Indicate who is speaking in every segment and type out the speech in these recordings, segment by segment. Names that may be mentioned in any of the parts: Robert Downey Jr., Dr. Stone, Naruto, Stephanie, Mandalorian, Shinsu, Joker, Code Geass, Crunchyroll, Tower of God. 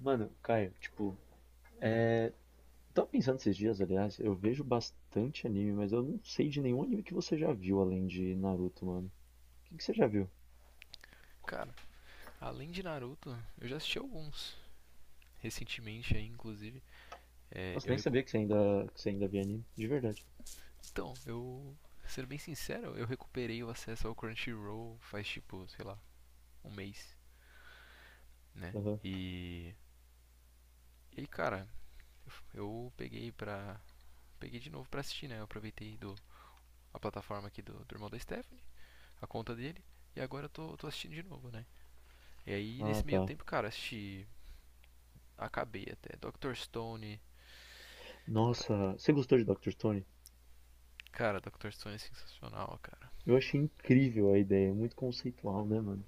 Speaker 1: Mano, Caio, tipo, é... tava pensando esses dias. Aliás, eu vejo bastante anime, mas eu não sei de nenhum anime que você já viu além de Naruto, mano. O que que você já viu?
Speaker 2: Cara, além de Naruto, eu já assisti alguns. Recentemente aí, inclusive. É,
Speaker 1: Nossa,
Speaker 2: eu
Speaker 1: nem
Speaker 2: recu...
Speaker 1: sabia que você ainda via anime, de verdade.
Speaker 2: Então, eu. Sendo bem sincero, eu recuperei o acesso ao Crunchyroll faz tipo, sei lá, um mês, né?
Speaker 1: Aham.
Speaker 2: E. E aí, cara, eu peguei pra. Peguei de novo pra assistir, né? Eu aproveitei a plataforma aqui do irmão da Stephanie, a conta dele, e agora eu tô assistindo de novo, né? E aí,
Speaker 1: Ah,
Speaker 2: nesse meio
Speaker 1: tá.
Speaker 2: tempo, cara, assisti. Acabei até Dr. Stone.
Speaker 1: Nossa, você gostou de Dr. Stone?
Speaker 2: Cara, Dr. Stone é sensacional, cara.
Speaker 1: Eu achei incrível a ideia, é muito conceitual, né, mano?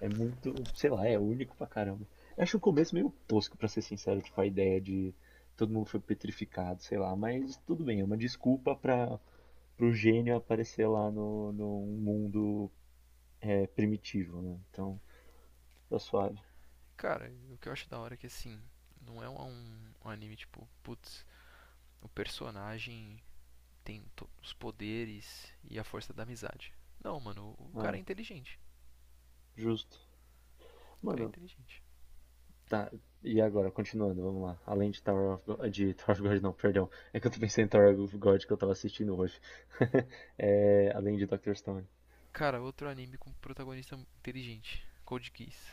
Speaker 1: É muito, sei lá, é único pra caramba. Eu acho o começo meio tosco, pra ser sincero. Tipo, a ideia de todo mundo foi petrificado, sei lá, mas tudo bem, é uma desculpa pra pro gênio aparecer lá no um mundo primitivo, né? Então, tá suave.
Speaker 2: Cara, o que eu acho da hora é que assim, não é um anime tipo, putz, o personagem tem os poderes e a força da amizade. Não, mano, o cara é
Speaker 1: Ah,
Speaker 2: inteligente.
Speaker 1: justo.
Speaker 2: O cara é
Speaker 1: Mano,
Speaker 2: inteligente.
Speaker 1: tá. E agora, continuando, vamos lá. Além de Tower of God, de Tower of God, não, perdão. É que eu tô pensando em Tower of God, que eu tava assistindo hoje. É, além de Doctor Stone.
Speaker 2: Cara, outro anime com protagonista inteligente, Code Geass.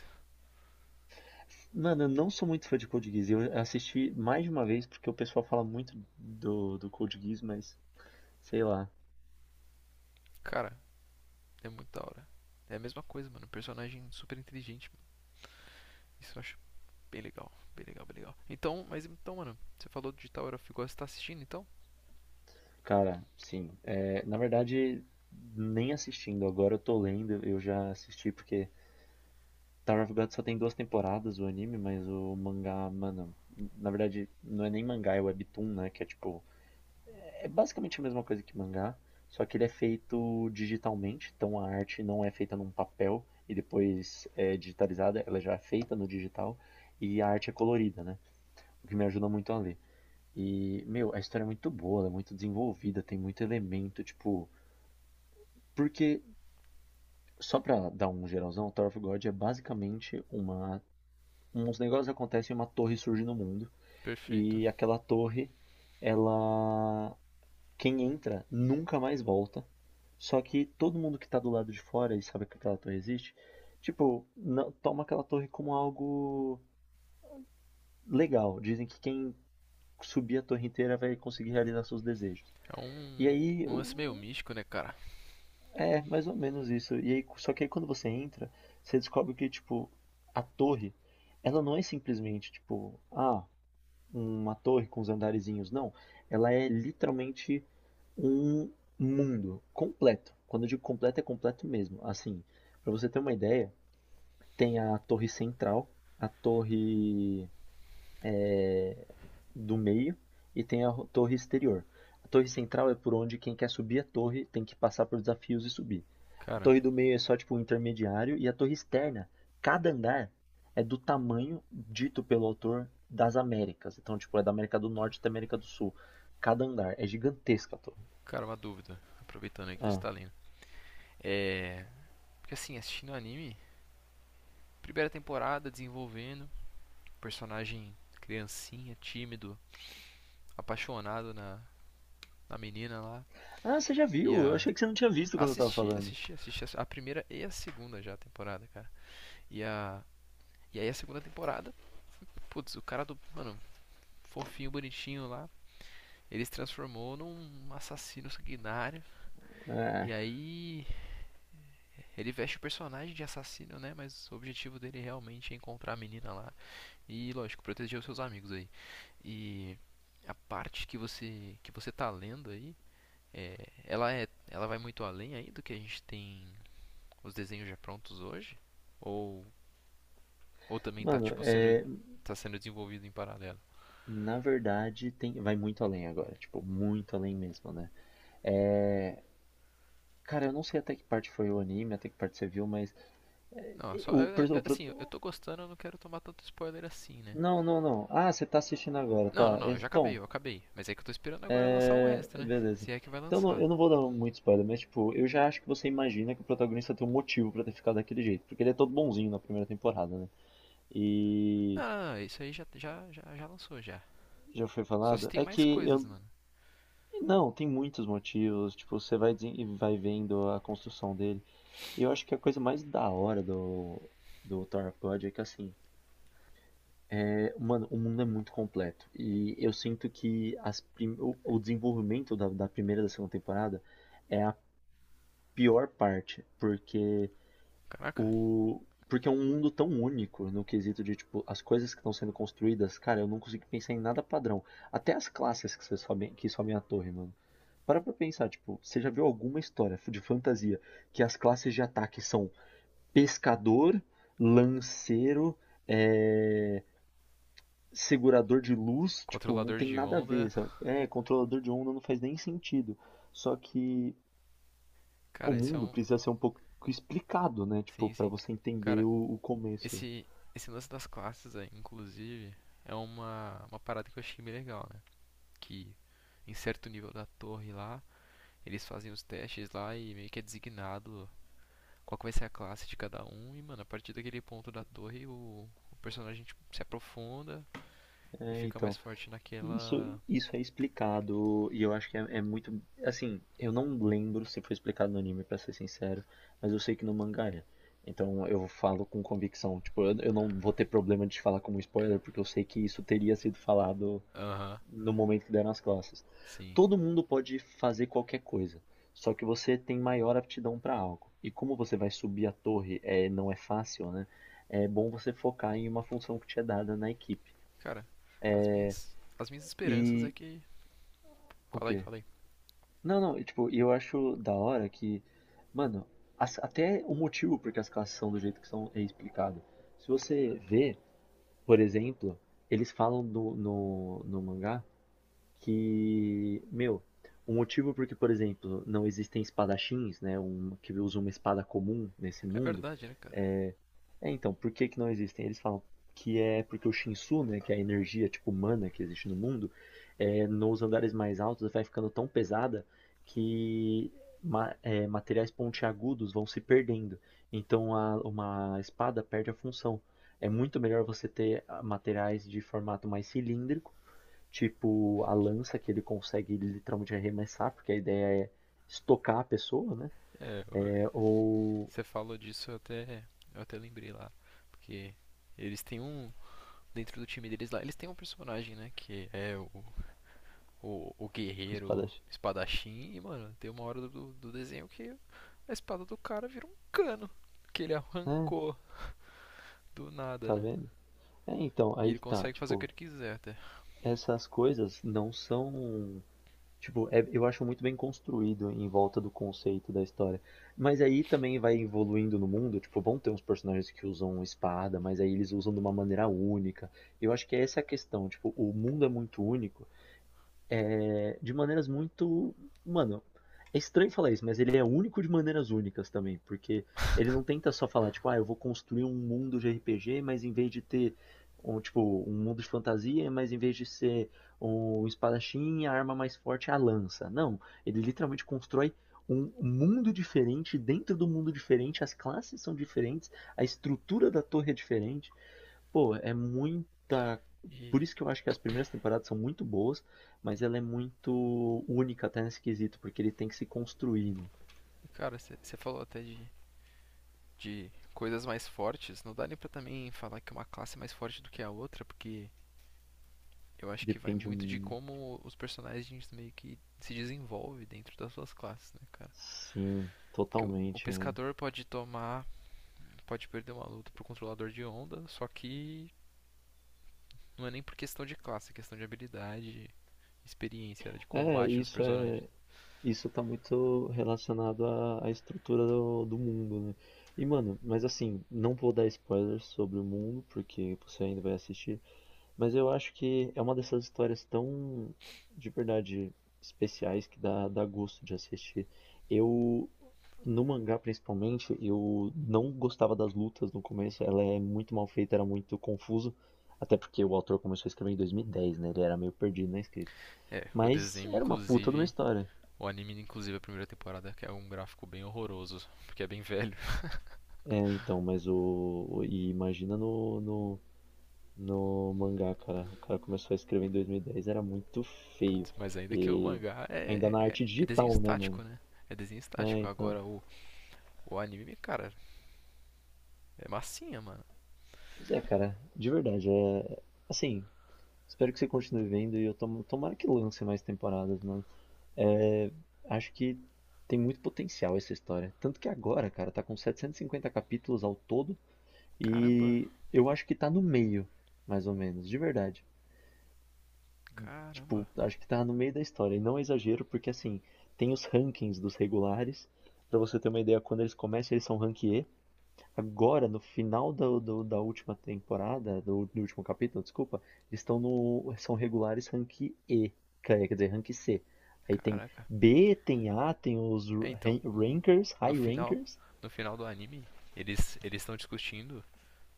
Speaker 1: Mano, eu não sou muito fã de Code Geass. Eu assisti mais de uma vez porque o pessoal fala muito do Code Geass, mas sei lá.
Speaker 2: Cara, é muito da hora. É a mesma coisa, mano, um personagem super inteligente. Isso eu acho bem legal, bem legal, bem legal. Então, mas então, mano, você falou de Tower of God, você tá assistindo então?
Speaker 1: Cara, sim. É, na verdade, nem assistindo. Agora eu tô lendo. Eu já assisti porque Tower of God só tem duas temporadas o anime, mas o mangá, mano, na verdade não é nem mangá, é webtoon, né? Que é tipo, é basicamente a mesma coisa que mangá, só que ele é feito digitalmente, então a arte não é feita num papel e depois é digitalizada, ela já é feita no digital, e a arte é colorida, né? O que me ajuda muito a ler. E, meu, a história é muito boa, ela é muito desenvolvida, tem muito elemento, tipo, Porque, só pra dar um geralzão, Tower of God é basicamente uma. Uns negócios acontecem, uma torre surge no mundo.
Speaker 2: Perfeito.
Speaker 1: E aquela torre, ela. Quem entra nunca mais volta. Só que todo mundo que tá do lado de fora e sabe que aquela torre existe, tipo, toma aquela torre como algo legal. Dizem que quem subir a torre inteira vai conseguir realizar seus desejos.
Speaker 2: É
Speaker 1: E aí,
Speaker 2: um lance meio místico, né, cara?
Speaker 1: é, mais ou menos isso. E aí, só que aí quando você entra, você descobre que, tipo, a torre, ela não é simplesmente, tipo, ah, uma torre com os andarezinhos, não. Ela é literalmente um mundo completo. Quando eu digo completo, é completo mesmo. Assim, pra você ter uma ideia, tem a torre central, a torre é, do meio, e tem a torre exterior. A torre central é por onde quem quer subir a torre tem que passar por desafios e subir. A
Speaker 2: Cara,
Speaker 1: torre do meio é só tipo um intermediário, e a torre externa, cada andar é do tamanho dito pelo autor das Américas. Então, tipo, é da América do Norte até América do Sul. Cada andar é gigantesca a torre.
Speaker 2: Cara, uma dúvida. Aproveitando aí que você
Speaker 1: Ah.
Speaker 2: tá lendo. É. Porque assim, assistindo o anime, primeira temporada desenvolvendo, personagem criancinha, tímido, apaixonado na menina lá.
Speaker 1: Ah, você já
Speaker 2: E
Speaker 1: viu? Eu
Speaker 2: a.
Speaker 1: achei que você não tinha visto quando eu tava falando.
Speaker 2: Primeira e a segunda já temporada, cara. E a. E aí a segunda temporada, putz, o cara do. Mano, fofinho, bonitinho lá. Ele se transformou num assassino sanguinário. E
Speaker 1: É.
Speaker 2: aí. Ele veste o personagem de assassino, né? Mas o objetivo dele realmente é encontrar a menina lá. E lógico, proteger os seus amigos aí. E a parte que você tá lendo aí, é, ela vai muito além aí do que a gente tem os desenhos já prontos hoje ou ou também tá
Speaker 1: Mano,
Speaker 2: tipo sendo
Speaker 1: é,
Speaker 2: tá sendo desenvolvido em paralelo.
Speaker 1: na verdade tem, vai muito além agora, tipo, muito além mesmo, né? É, cara, eu não sei até que parte foi o anime, até que parte você viu, mas. é,
Speaker 2: Não,
Speaker 1: O, per- o pro-
Speaker 2: assim, assim, eu tô gostando, eu não quero tomar tanto spoiler assim, né?
Speaker 1: não, não, não. Ah, você tá assistindo agora,
Speaker 2: Não, não,
Speaker 1: tá.
Speaker 2: não, eu já acabei,
Speaker 1: Então,
Speaker 2: eu acabei. Mas é que eu tô esperando agora lançar o resto,
Speaker 1: é,
Speaker 2: né?
Speaker 1: beleza.
Speaker 2: Se é que vai lançar.
Speaker 1: Eu não vou dar muito spoiler, mas tipo, eu já acho que você imagina que o protagonista tem um motivo pra ter ficado daquele jeito, porque ele é todo bonzinho na primeira temporada, né?
Speaker 2: Não,
Speaker 1: E
Speaker 2: não, não, isso aí já lançou já.
Speaker 1: já foi
Speaker 2: Só se
Speaker 1: falado.
Speaker 2: tem
Speaker 1: É
Speaker 2: mais
Speaker 1: que
Speaker 2: coisas,
Speaker 1: eu
Speaker 2: mano.
Speaker 1: não, tem muitos motivos. Tipo, você vai e vai vendo a construção dele. E eu acho que a coisa mais da hora do Tower of God é que assim, é, mano, o mundo é muito completo. E eu sinto que as o desenvolvimento da primeira e da segunda temporada é a pior parte, porque
Speaker 2: Caraca.
Speaker 1: o. Porque é um mundo tão único no quesito de, tipo, as coisas que estão sendo construídas, cara, eu não consigo pensar em nada padrão. Até as classes que, você sobem, que sobem a torre, mano. Para pra pensar, tipo, você já viu alguma história de fantasia que as classes de ataque são pescador, lanceiro, é, segurador de luz? Tipo, não
Speaker 2: Controlador
Speaker 1: tem
Speaker 2: de
Speaker 1: nada a ver,
Speaker 2: onda.
Speaker 1: sabe? É, controlador de onda não faz nem sentido. Só que o
Speaker 2: Cara, esse é
Speaker 1: mundo
Speaker 2: um.
Speaker 1: precisa ser um pouco explicado, né? Tipo,
Speaker 2: Sim,
Speaker 1: para
Speaker 2: sim.
Speaker 1: você entender
Speaker 2: Cara,
Speaker 1: o começo.
Speaker 2: esse, esse lance das classes, aí, inclusive, é uma parada que eu achei bem legal, né? Que em certo nível da torre lá, eles fazem os testes lá e meio que é designado qual que vai ser a classe de cada um. E, mano, a partir daquele ponto da torre, o personagem tipo, se aprofunda e
Speaker 1: É,
Speaker 2: fica mais
Speaker 1: então,
Speaker 2: forte
Speaker 1: isso,
Speaker 2: naquela.
Speaker 1: isso é explicado, e eu acho que é, é muito, assim, eu não lembro se foi explicado no anime, pra ser sincero, mas eu sei que no mangá é. Então eu falo com convicção. Tipo, eu não vou ter problema de falar como spoiler, porque eu sei que isso teria sido falado
Speaker 2: Aham,
Speaker 1: no momento que deram nas classes.
Speaker 2: sim.
Speaker 1: Todo mundo pode fazer qualquer coisa, só que você tem maior aptidão para algo. E como você vai subir a torre, é, não é fácil, né? É bom você focar em uma função que te é dada na equipe.
Speaker 2: Cara, as minhas esperanças é
Speaker 1: E
Speaker 2: que.
Speaker 1: o
Speaker 2: Fala aí,
Speaker 1: quê?
Speaker 2: fala aí.
Speaker 1: Não, não, e, tipo, eu acho da hora que, mano, até o motivo porque as classes são do jeito que são é explicado. Se você vê, por exemplo, eles falam no, no mangá que, meu, o motivo porque, por exemplo, não existem espadachins, né, um, que usa uma espada comum nesse
Speaker 2: É
Speaker 1: mundo,
Speaker 2: verdade, né, cara?
Speaker 1: é, é, então, por que que não existem? Eles falam que é porque o Shinsu, né, que é a energia, tipo, humana que existe no mundo, é, nos andares mais altos vai ficando tão pesada que ma é, materiais pontiagudos vão se perdendo. Então, a, uma espada perde a função. É muito melhor você ter materiais de formato mais cilíndrico, tipo a lança, que ele consegue literalmente arremessar, porque a ideia é estocar a pessoa, né?
Speaker 2: É,
Speaker 1: É, ou
Speaker 2: você falou disso, eu até lembrei lá. Porque eles têm um. Dentro do time deles lá, eles têm um personagem, né? Que é o
Speaker 1: o
Speaker 2: guerreiro
Speaker 1: Splash.
Speaker 2: espadachim. E, mano, tem uma hora do desenho que a espada do cara vira um cano. Que ele
Speaker 1: É,
Speaker 2: arrancou do nada,
Speaker 1: tá
Speaker 2: né?
Speaker 1: vendo? É, então,
Speaker 2: E
Speaker 1: aí
Speaker 2: ele
Speaker 1: que tá,
Speaker 2: consegue fazer o que
Speaker 1: tipo,
Speaker 2: ele quiser até.
Speaker 1: essas coisas não são. Tipo, eu acho muito bem construído em volta do conceito da história. Mas aí também vai evoluindo no mundo, tipo, vão ter uns personagens que usam espada, mas aí eles usam de uma maneira única. Eu acho que essa é a questão, tipo, o mundo é muito único é, de maneiras muito. Mano, é estranho falar isso, mas ele é único de maneiras únicas também, porque ele não tenta só falar, tipo, ah, eu vou construir um mundo de RPG, mas em vez de ter um, tipo, um mundo de fantasia, mas em vez de ser um espadachim, a arma mais forte é a lança. Não, ele literalmente constrói um mundo diferente, dentro do mundo diferente, as classes são diferentes, a estrutura da torre é diferente. Pô, é muita. Por
Speaker 2: E,
Speaker 1: isso que eu acho que as primeiras temporadas são muito boas, mas ela é muito única até nesse quesito, porque ele tem que se construir, né?
Speaker 2: cara, você falou até de coisas mais fortes. Não dá nem pra também falar que uma classe é mais forte do que a outra, porque eu acho que vai
Speaker 1: Depende
Speaker 2: muito de
Speaker 1: um.
Speaker 2: como os personagens meio que se desenvolvem dentro das suas classes, né, cara?
Speaker 1: Sim,
Speaker 2: Porque o
Speaker 1: totalmente, velho.
Speaker 2: pescador pode tomar, pode perder uma luta pro controlador de onda, só que não é nem por questão de classe, é questão de habilidade, experiência né, de combate dos personagens.
Speaker 1: É. Isso tá muito relacionado à, à estrutura do mundo, né? E, mano, mas assim, não vou dar spoilers sobre o mundo, porque você ainda vai assistir. Mas eu acho que é uma dessas histórias tão, de verdade, especiais, que dá, dá gosto de assistir. Eu, no mangá principalmente, eu não gostava das lutas no começo, ela é muito mal feita, era muito confuso, até porque o autor começou a escrever em 2010, né? Ele era meio perdido na escrita.
Speaker 2: É, o
Speaker 1: Mas
Speaker 2: desenho,
Speaker 1: era uma puta de uma
Speaker 2: inclusive,
Speaker 1: história.
Speaker 2: o anime, inclusive, a primeira temporada, que é um gráfico bem horroroso, porque é bem velho.
Speaker 1: É, então, mas o. E imagina no mangá, cara. O cara começou a escrever em 2010, era muito feio.
Speaker 2: Putz, mas ainda que o
Speaker 1: E
Speaker 2: mangá
Speaker 1: ainda na arte
Speaker 2: é desenho
Speaker 1: digital, né,
Speaker 2: estático,
Speaker 1: mano?
Speaker 2: né? É desenho
Speaker 1: É,
Speaker 2: estático.
Speaker 1: então.
Speaker 2: Agora o anime, cara, é massinha, mano.
Speaker 1: Mas é, cara, de verdade, é. Assim, espero que você continue vendo, e eu tomara que lance mais temporadas, mano. É, acho que tem muito potencial essa história. Tanto que agora, cara, tá com 750 capítulos ao todo,
Speaker 2: Caramba,
Speaker 1: e eu acho que tá no meio, mais ou menos, de verdade.
Speaker 2: caramba,
Speaker 1: Tipo, acho que tá no meio da história. E não é exagero, porque assim, tem os rankings dos regulares. Pra você ter uma ideia, quando eles começam, eles são rank E. Agora, no final do, da última temporada, do, do último capítulo, desculpa, eles estão no. São regulares rank E. Quer quer dizer, rank C. Aí tem
Speaker 2: caraca.
Speaker 1: B, tem A, tem os
Speaker 2: É, então,
Speaker 1: rankers,
Speaker 2: no
Speaker 1: high
Speaker 2: final,
Speaker 1: rankers.
Speaker 2: no final do anime, eles estão discutindo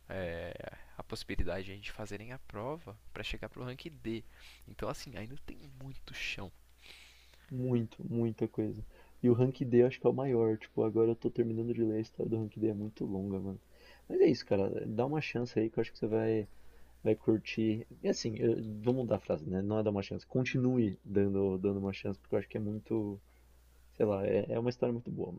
Speaker 2: é, a possibilidade de a gente fazerem a prova pra chegar pro rank D. Então, assim, ainda tem muito chão
Speaker 1: Muito, muita coisa. E o Rank D eu acho que é o maior. Tipo, agora eu tô terminando de ler a história do Rank D, é muito longa, mano. Mas é isso, cara, dá uma chance aí, que eu acho que você vai, vai curtir. E assim, eu, vou mudar a frase, né? Não é dar uma chance, continue dando, dando uma chance, porque eu acho que é muito, sei lá, é, é uma história muito boa,